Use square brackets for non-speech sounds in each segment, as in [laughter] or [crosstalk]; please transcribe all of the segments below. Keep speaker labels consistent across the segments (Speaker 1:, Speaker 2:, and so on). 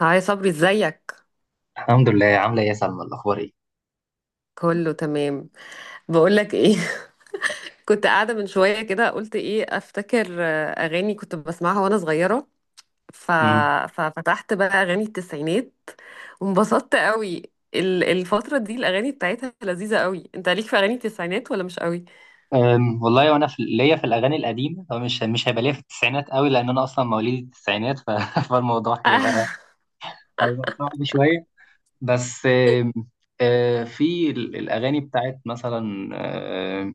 Speaker 1: هاي صبري، ازيك؟
Speaker 2: الحمد لله، عامله ايه يا سلمى؟ الاخبار ايه؟
Speaker 1: كله تمام. بقولك ايه؟ [laughs] كنت قاعدة من شوية كده، قلت ايه افتكر اغاني كنت بسمعها وانا صغيرة. ف...
Speaker 2: امم
Speaker 1: ففتحت بقى اغاني التسعينات، وانبسطت قوي. الفترة دي الاغاني بتاعتها لذيذة قوي. انت ليك في اغاني التسعينات ولا مش قوي؟
Speaker 2: والله وانا في ليا في الاغاني القديمه، هو مش هيبقى ليا في التسعينات قوي لان انا اصلا مواليد التسعينات [laughs] فالموضوع هيبقى،
Speaker 1: [laughs]
Speaker 2: هيبقى صعب شويه. بس أم، في الاغاني بتاعت مثلا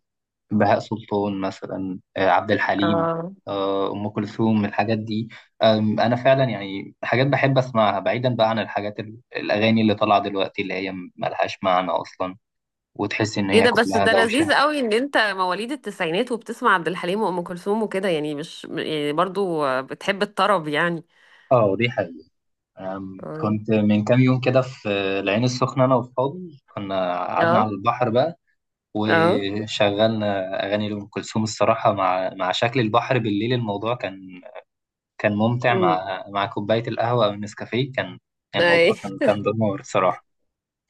Speaker 2: بهاء سلطان، مثلا عبد الحليم،
Speaker 1: اه.
Speaker 2: ام كلثوم، الحاجات دي. انا فعلا يعني حاجات بحب اسمعها، بعيدا بقى عن الحاجات الاغاني اللي طالعه دلوقتي اللي هي ملهاش معنى اصلا، وتحس ان
Speaker 1: ايه
Speaker 2: هي
Speaker 1: ده؟ بس
Speaker 2: كلها
Speaker 1: ده
Speaker 2: دوشه.
Speaker 1: لذيذ قوي ان انت مواليد التسعينات وبتسمع عبد الحليم وام كلثوم وكده، يعني مش يعني برضو، بتحب الطرب يعني.
Speaker 2: اه ودي حقيقة.
Speaker 1: اه.
Speaker 2: كنت من كام يوم كده في العين السخنة، أنا وأصحابي كنا قعدنا
Speaker 1: اه.
Speaker 2: على البحر بقى،
Speaker 1: اه.
Speaker 2: وشغلنا أغاني لأم كلثوم. الصراحة مع شكل البحر بالليل الموضوع كان، كان ممتع، مع كوباية القهوة أو النسكافيه كان، كان
Speaker 1: اي.
Speaker 2: الموضوع كان كان دمار الصراحة.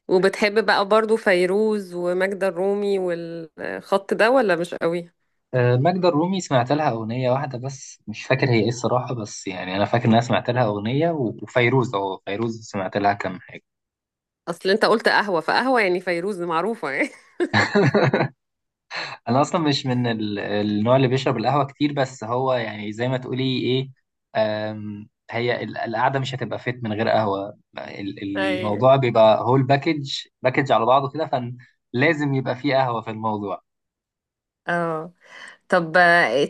Speaker 1: وبتحب بقى برضو فيروز وماجدة الرومي والخط ده، ولا مش قوي؟
Speaker 2: ماجدة الرومي سمعت لها أغنية واحدة بس، مش فاكر هي إيه الصراحة، بس يعني أنا فاكر إن أنا سمعت لها أغنية، وفيروز، أه فيروز سمعت لها كام حاجة.
Speaker 1: اصل انت قلت قهوة، فقهوة يعني فيروز معروفة يعني.
Speaker 2: [laughs] انا اصلا مش من النوع اللي بيشرب القهوه كتير، بس هو يعني زي ما تقولي ايه، هي القعده مش هتبقى فيت من غير قهوه،
Speaker 1: [laughs] اي.
Speaker 2: الموضوع بيبقى هول باكج، باكج على بعضه كده، فلازم يبقى فيه قهوه في الموضوع.
Speaker 1: اه. طب.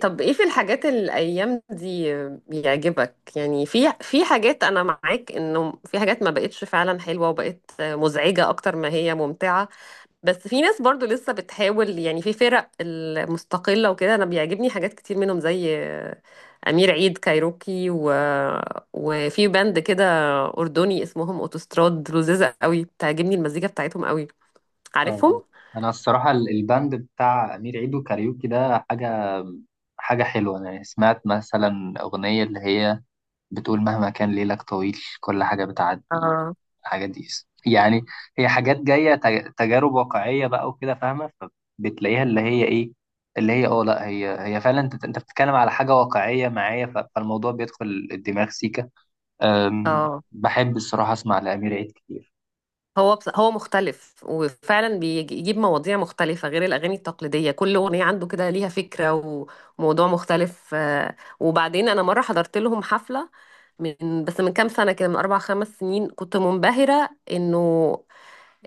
Speaker 1: ايه في الحاجات الايام دي بيعجبك؟ يعني في حاجات، انا معاك انه في حاجات ما بقتش فعلا حلوة وبقت مزعجة اكتر ما هي ممتعة. بس في ناس برضو لسه بتحاول، يعني في فرق المستقلة وكده انا بيعجبني حاجات كتير منهم، زي امير عيد كايروكي وفي باند كده اردني اسمهم اوتوستراد، لذيذه قوي، بتعجبني المزيكا بتاعتهم قوي.
Speaker 2: اه
Speaker 1: عارفهم؟
Speaker 2: انا الصراحه الباند بتاع امير عيد وكاريوكي ده حاجه، حاجه حلوه. انا سمعت مثلا اغنيه اللي هي بتقول مهما كان ليلك طويل كل حاجة بتعدي،
Speaker 1: اه.
Speaker 2: الحاجات دي يعني هي حاجات جاية تجارب واقعية بقى وكده، فاهمة؟ فبتلاقيها اللي هي ايه، اللي هي اه لا هي، هي فعلا انت بتتكلم على حاجة واقعية معايا، فالموضوع بيدخل الدماغ سيكا.
Speaker 1: اه.
Speaker 2: بحب الصراحة اسمع لأمير عيد كتير.
Speaker 1: هو مختلف، وفعلا بيجيب مواضيع مختلفة غير الأغاني التقليدية. كل أغنية عنده كده ليها فكرة وموضوع مختلف. وبعدين أنا مرة حضرت لهم حفلة من كام سنة كده، من أربع خمس سنين، كنت منبهرة إنه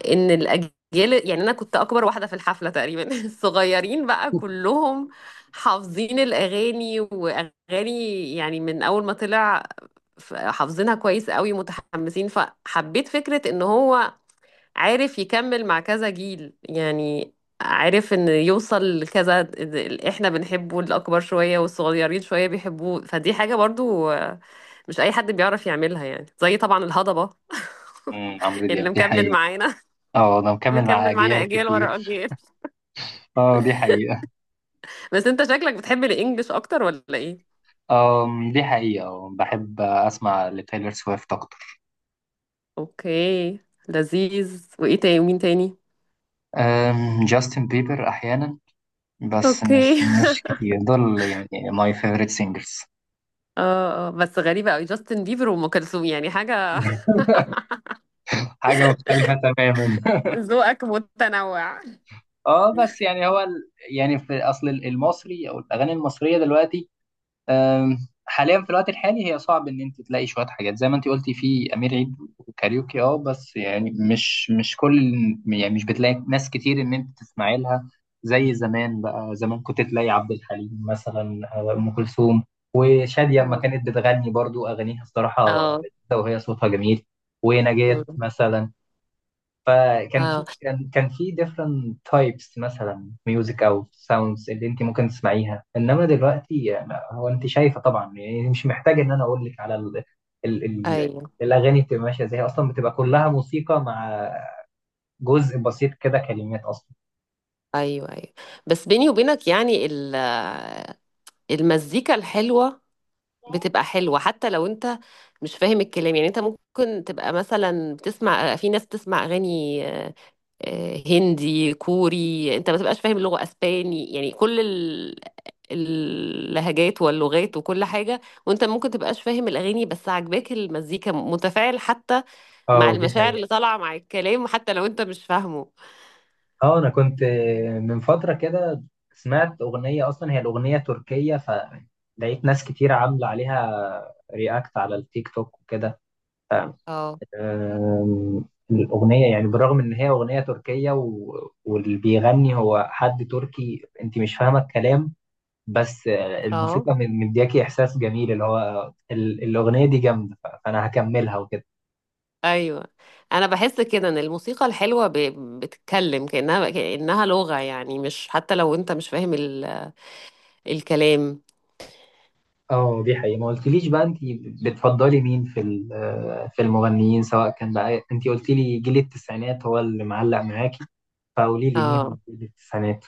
Speaker 1: ان الاجيال، يعني انا كنت اكبر واحده في الحفله تقريبا. [laughs] الصغيرين بقى كلهم حافظين الاغاني، واغاني يعني من اول ما طلع، حافظينها كويس قوي، متحمسين. فحبيت فكره ان هو عارف يكمل مع كذا جيل يعني، عارف ان يوصل لكذا. اللي احنا بنحبه الاكبر شويه والصغيرين شويه بيحبوه، فدي حاجه برضو، مش اي حد بيعرف يعملها. يعني زي طبعا الهضبه.
Speaker 2: أمم، عمرو
Speaker 1: [laughs] اللي
Speaker 2: دياب دي
Speaker 1: مكمل
Speaker 2: حقيقة.
Speaker 1: معانا
Speaker 2: اه انا مكمل مع
Speaker 1: مكمل معانا
Speaker 2: اجيال
Speaker 1: اجيال
Speaker 2: كتير.
Speaker 1: ورا اجيال.
Speaker 2: اه دي حقيقة.
Speaker 1: بس انت شكلك بتحب الانجليش اكتر، ولا ايه؟
Speaker 2: أم دي حقيقة، بحب اسمع لتايلر سويفت اكتر.
Speaker 1: اوكي. لذيذ. وايه تاني، ومين تاني؟
Speaker 2: جاستن بيبر احيانا، بس
Speaker 1: اوكي.
Speaker 2: مش
Speaker 1: [laughs]
Speaker 2: مش كتير دول يعني. ماي فيفورت سينجرز.
Speaker 1: اه. اه. بس غريبه قوي، جاستن بيبر وام كلثوم يعني حاجه.
Speaker 2: [laughs] حاجة مختلفة تماما.
Speaker 1: [laughs]
Speaker 2: [laughs]
Speaker 1: ذوقك متنوع.
Speaker 2: اه بس يعني هو يعني في اصل المصري او الاغاني المصرية دلوقتي، أم، حاليا في الوقت الحالي هي صعب ان انت تلاقي شويه حاجات زي ما انت قلتي في امير عيد وكاريوكي، اه بس يعني مش كل، يعني مش بتلاقي ناس كتير ان انت تسمعي لها زي زمان. بقى زمان كنت تلاقي عبد الحليم مثلا أو ام كلثوم وشاديه لما كانت بتغني، برضو اغانيها الصراحه
Speaker 1: اه.
Speaker 2: لذيذه وهي صوتها جميل، ونجاة
Speaker 1: مم.
Speaker 2: مثلا. فكان
Speaker 1: اه.
Speaker 2: في، كان في different types مثلا ميوزك او sounds اللي انت ممكن تسمعيها، انما دلوقتي هو انت شايفه طبعا، يعني مش محتاج ان انا اقول لك على ال ال
Speaker 1: ايوه،
Speaker 2: الاغاني بتبقى ماشيه ازاي. اصلا بتبقى كلها موسيقى مع جزء بسيط كده كلمات اصلا.
Speaker 1: ايوه، ايوه. بس بيني وبينك، يعني المزيكا الحلوه بتبقى حلوه حتى لو انت مش فاهم الكلام. يعني انت ممكن تبقى مثلا بتسمع، في ناس بتسمع اغاني، هندي، كوري، انت ما تبقاش فاهم اللغه، اسباني، يعني كل اللهجات واللغات وكل حاجه. وانت ممكن تبقاش فاهم الاغاني بس عاجباك المزيكا، متفاعل حتى مع
Speaker 2: اه دي
Speaker 1: المشاعر
Speaker 2: حقيقة.
Speaker 1: اللي طالعه مع الكلام، حتى لو انت مش فاهمه.
Speaker 2: اه انا كنت من فترة كده سمعت اغنية، اصلا هي الاغنية تركية، فلقيت ناس كتير عاملة عليها رياكت على التيك توك وكده.
Speaker 1: اه.
Speaker 2: آم، الأغنية يعني بالرغم إن هي أغنية تركية واللي بيغني هو حد تركي، أنت مش فاهمة الكلام، بس آه،
Speaker 1: اه.
Speaker 2: الموسيقى مدياكي إحساس جميل، اللي هو ال... الأغنية دي جامدة، فأنا هكملها وكده.
Speaker 1: ايوه، انا بحس كده ان الموسيقى الحلوه بتتكلم، كانها لغه يعني، مش حتى لو انت مش فاهم الكلام.
Speaker 2: اه دي حقيقة. ما قلتليش بقى أنت بتفضلي مين في آه، في المغنيين؟ سواء كان بقى أنت قلتي لي جيل التسعينات هو اللي معلق معاكي، فقولي لي مين
Speaker 1: اه.
Speaker 2: من جيل التسعينات.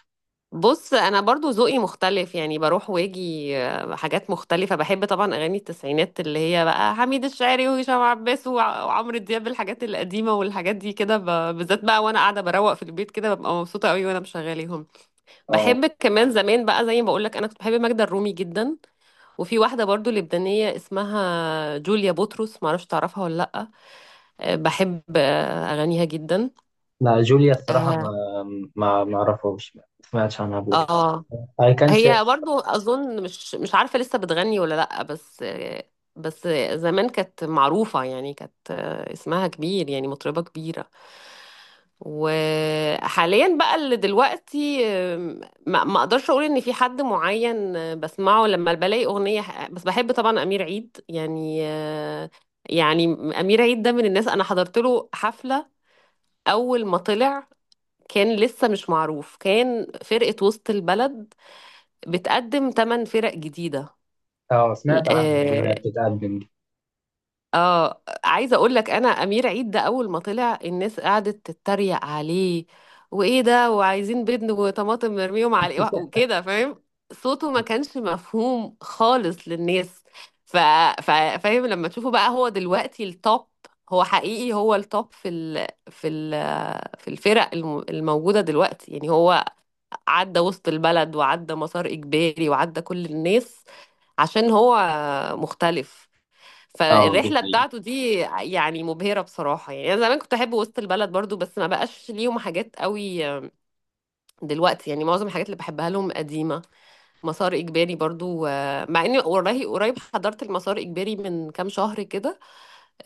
Speaker 1: بص، انا برضو ذوقي مختلف، يعني بروح واجي حاجات مختلفه. بحب طبعا اغاني التسعينات، اللي هي بقى حميد الشاعري وهشام عباس وعمرو دياب، الحاجات القديمه والحاجات دي كده بالذات بقى، وانا قاعده بروق في البيت كده ببقى مبسوطه قوي وانا مشغلاهم.
Speaker 2: اه
Speaker 1: بحب كمان زمان بقى، زي ما بقول لك، انا كنت بحب ماجدة الرومي جدا. وفي واحدة برضو لبنانية اسمها جوليا بطرس، معرفش تعرفها ولا لأ. بحب أغانيها جدا.
Speaker 2: لا جوليا الصراحة
Speaker 1: اه.
Speaker 2: ما أعرفهاش، ما سمعتش عنها قبل كده.
Speaker 1: آه.
Speaker 2: اي كان
Speaker 1: هي
Speaker 2: سيرش.
Speaker 1: برضو أظن مش عارفة لسه بتغني ولا لأ، بس زمان كانت معروفة، يعني كانت اسمها كبير، يعني مطربة كبيرة. وحاليا بقى، اللي دلوقتي، ما اقدرش اقول ان في حد معين بسمعه، لما بلاقي اغنيه بس بحب طبعا امير عيد، يعني. يعني امير عيد ده من الناس انا حضرت له حفله اول ما طلع، كان لسه مش معروف، كان فرقه وسط البلد بتقدم ثمان فرق جديده.
Speaker 2: اه سمعت عنها دي وهي بتتقدم دي.
Speaker 1: اه، عايزه اقول لك، انا امير عيد ده اول ما طلع الناس قعدت تتريق عليه، وايه ده، وعايزين بيض وطماطم مرميهم عليه، وكده، فاهم؟ صوته ما كانش مفهوم خالص للناس. ف... ف... فاهم؟ لما تشوفه بقى هو دلوقتي التوب. هو حقيقي هو التوب في الفرق الموجوده دلوقتي، يعني هو عدى وسط البلد وعدى مسار اجباري وعدى كل الناس عشان هو مختلف.
Speaker 2: اه دي
Speaker 1: فالرحلة
Speaker 2: حقيقة.
Speaker 1: بتاعته دي يعني مبهرة بصراحة. يعني أنا زمان كنت أحب وسط البلد برضو، بس ما بقاش ليهم حاجات قوي دلوقتي، يعني معظم الحاجات اللي بحبها لهم قديمة. مسار إجباري برضو، مع إني قريب قريب حضرت المسار إجباري من كام شهر كده.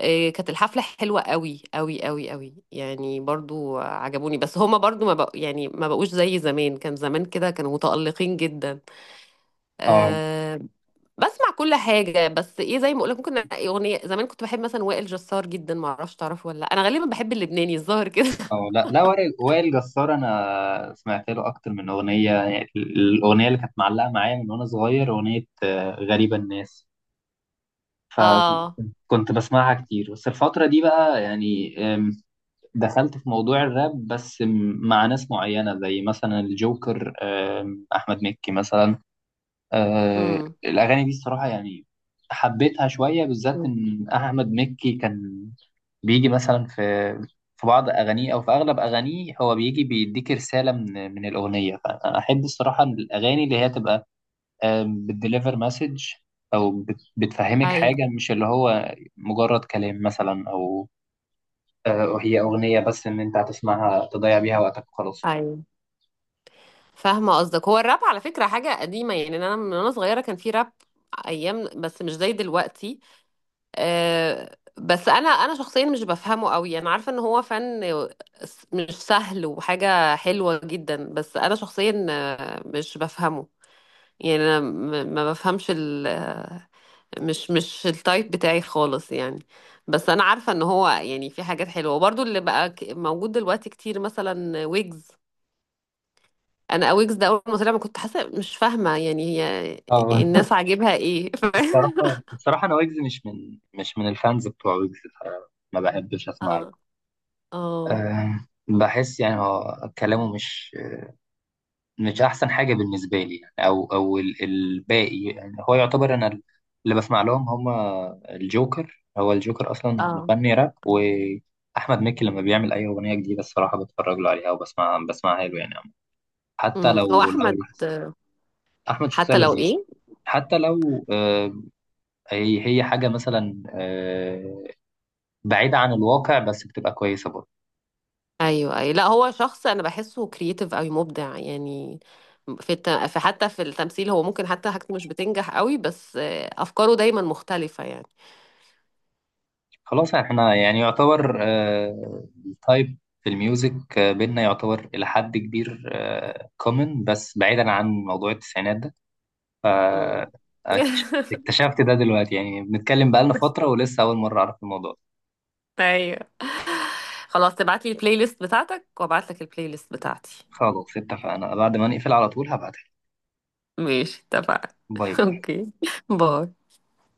Speaker 1: كانت الحفلة حلوة قوي قوي قوي قوي، يعني برضو عجبوني، بس هما برضو ما بق... يعني ما بقوش زي زمان، كان زمان كده كانوا متألقين جدا.
Speaker 2: اه
Speaker 1: أه، بسمع كل حاجة، بس ايه، زي ما اقولك ممكن أنقي اغنية. زمان كنت بحب مثلا وائل جسار جدا، ما اعرفش تعرفه ولا لأ. انا غالبا بحب اللبناني الظاهر كده.
Speaker 2: اه
Speaker 1: [laughs]
Speaker 2: لا لا، وائل جسار انا سمعت له اكتر من اغنية، يعني الاغنية اللي كانت معلقة معايا من وانا صغير اغنية آه، غريبة الناس، فكنت،
Speaker 1: اه.
Speaker 2: كنت بسمعها كتير. بس الفترة دي بقى يعني آم، دخلت في موضوع الراب، بس مع ناس معينة زي مثلا الجوكر، آم، احمد مكي مثلا. آه
Speaker 1: امم.
Speaker 2: الأغاني دي الصراحة يعني حبيتها شوية، بالذات إن أحمد مكي كان بيجي مثلا في في بعض أغانيه أو في أغلب أغانيه، هو بيجي بيديك رسالة من الأغنية، فأنا أحب الصراحة إن الأغاني اللي هي تبقى آه بتديليفر مسج، أو بتفهمك
Speaker 1: ايوه،
Speaker 2: حاجة، مش اللي هو مجرد كلام مثلا أو آه هي أغنية بس إن أنت هتسمعها تضيع بيها وقتك وخلاص.
Speaker 1: ايوه، فاهمة قصدك. هو الراب على فكرة حاجة قديمة يعني، انا من وانا صغيرة كان في راب ايام، بس مش زي دلوقتي. أه بس انا شخصيا مش بفهمه قوي، انا عارفة ان هو فن مش سهل وحاجة حلوة جدا، بس انا شخصيا مش بفهمه، يعني انا ما بفهمش ال مش مش التايب بتاعي خالص يعني. بس انا عارفه ان هو يعني في حاجات حلوه، وبرضو اللي بقى موجود دلوقتي كتير، مثلا ويجز. انا ويجز ده اول ما طلع ما كنت حاسه، مش فاهمه يعني هي الناس عاجبها ايه؟
Speaker 2: الصراحة،
Speaker 1: [laughs]
Speaker 2: الصراحة أنا ويجز مش من الفانز بتوع ويجز، فما بحبش أسمع له.
Speaker 1: اه. اه.
Speaker 2: أه بحس يعني هو كلامه مش أحسن حاجة بالنسبة لي، يعني أو الباقي يعني هو يعتبر. أنا اللي بسمع لهم هما الجوكر، هو الجوكر أصلا
Speaker 1: اه.
Speaker 2: مغني راب، وأحمد مكي لما بيعمل أي أغنية جديدة الصراحة بتفرج له عليها وبسمع، بسمعها له يعني، حتى
Speaker 1: هو
Speaker 2: لو
Speaker 1: احمد.
Speaker 2: لاحظت. أحمد شخصية
Speaker 1: حتى لو
Speaker 2: لذيذة.
Speaker 1: ايه؟
Speaker 2: حتى لو آه، هي هي حاجة مثلا آه، بعيدة عن الواقع بس بتبقى كويسة برضه.
Speaker 1: ايوه، ايوه. لا، هو شخص انا بحسه كرييتيف قوي، مبدع يعني، في الت... في حتى في التمثيل. هو ممكن حتى حاجته مش بتنجح قوي، بس افكاره دايما مختلفة يعني.
Speaker 2: خلاص احنا يعني يعتبر آه، التايب في الميوزك آه، بينا يعتبر إلى حد كبير كومن، بس بعيدا عن موضوع التسعينات ده، ف
Speaker 1: امم.
Speaker 2: اكتش-
Speaker 1: [laughs]
Speaker 2: اكتشفت ده دلوقتي، يعني بنتكلم بقالنا فترة ولسه أول مرة أعرف الموضوع ده.
Speaker 1: ايوه، خلاص، تبعت لي البلاي ليست بتاعتك وابعت لك البلاي ليست بتاعتي.
Speaker 2: خلاص اتفقنا، بعد ما نقفل على طول هبعتها.
Speaker 1: ماشي، اتفقنا.
Speaker 2: باي
Speaker 1: [laughs]
Speaker 2: باي.
Speaker 1: اوكي. باي.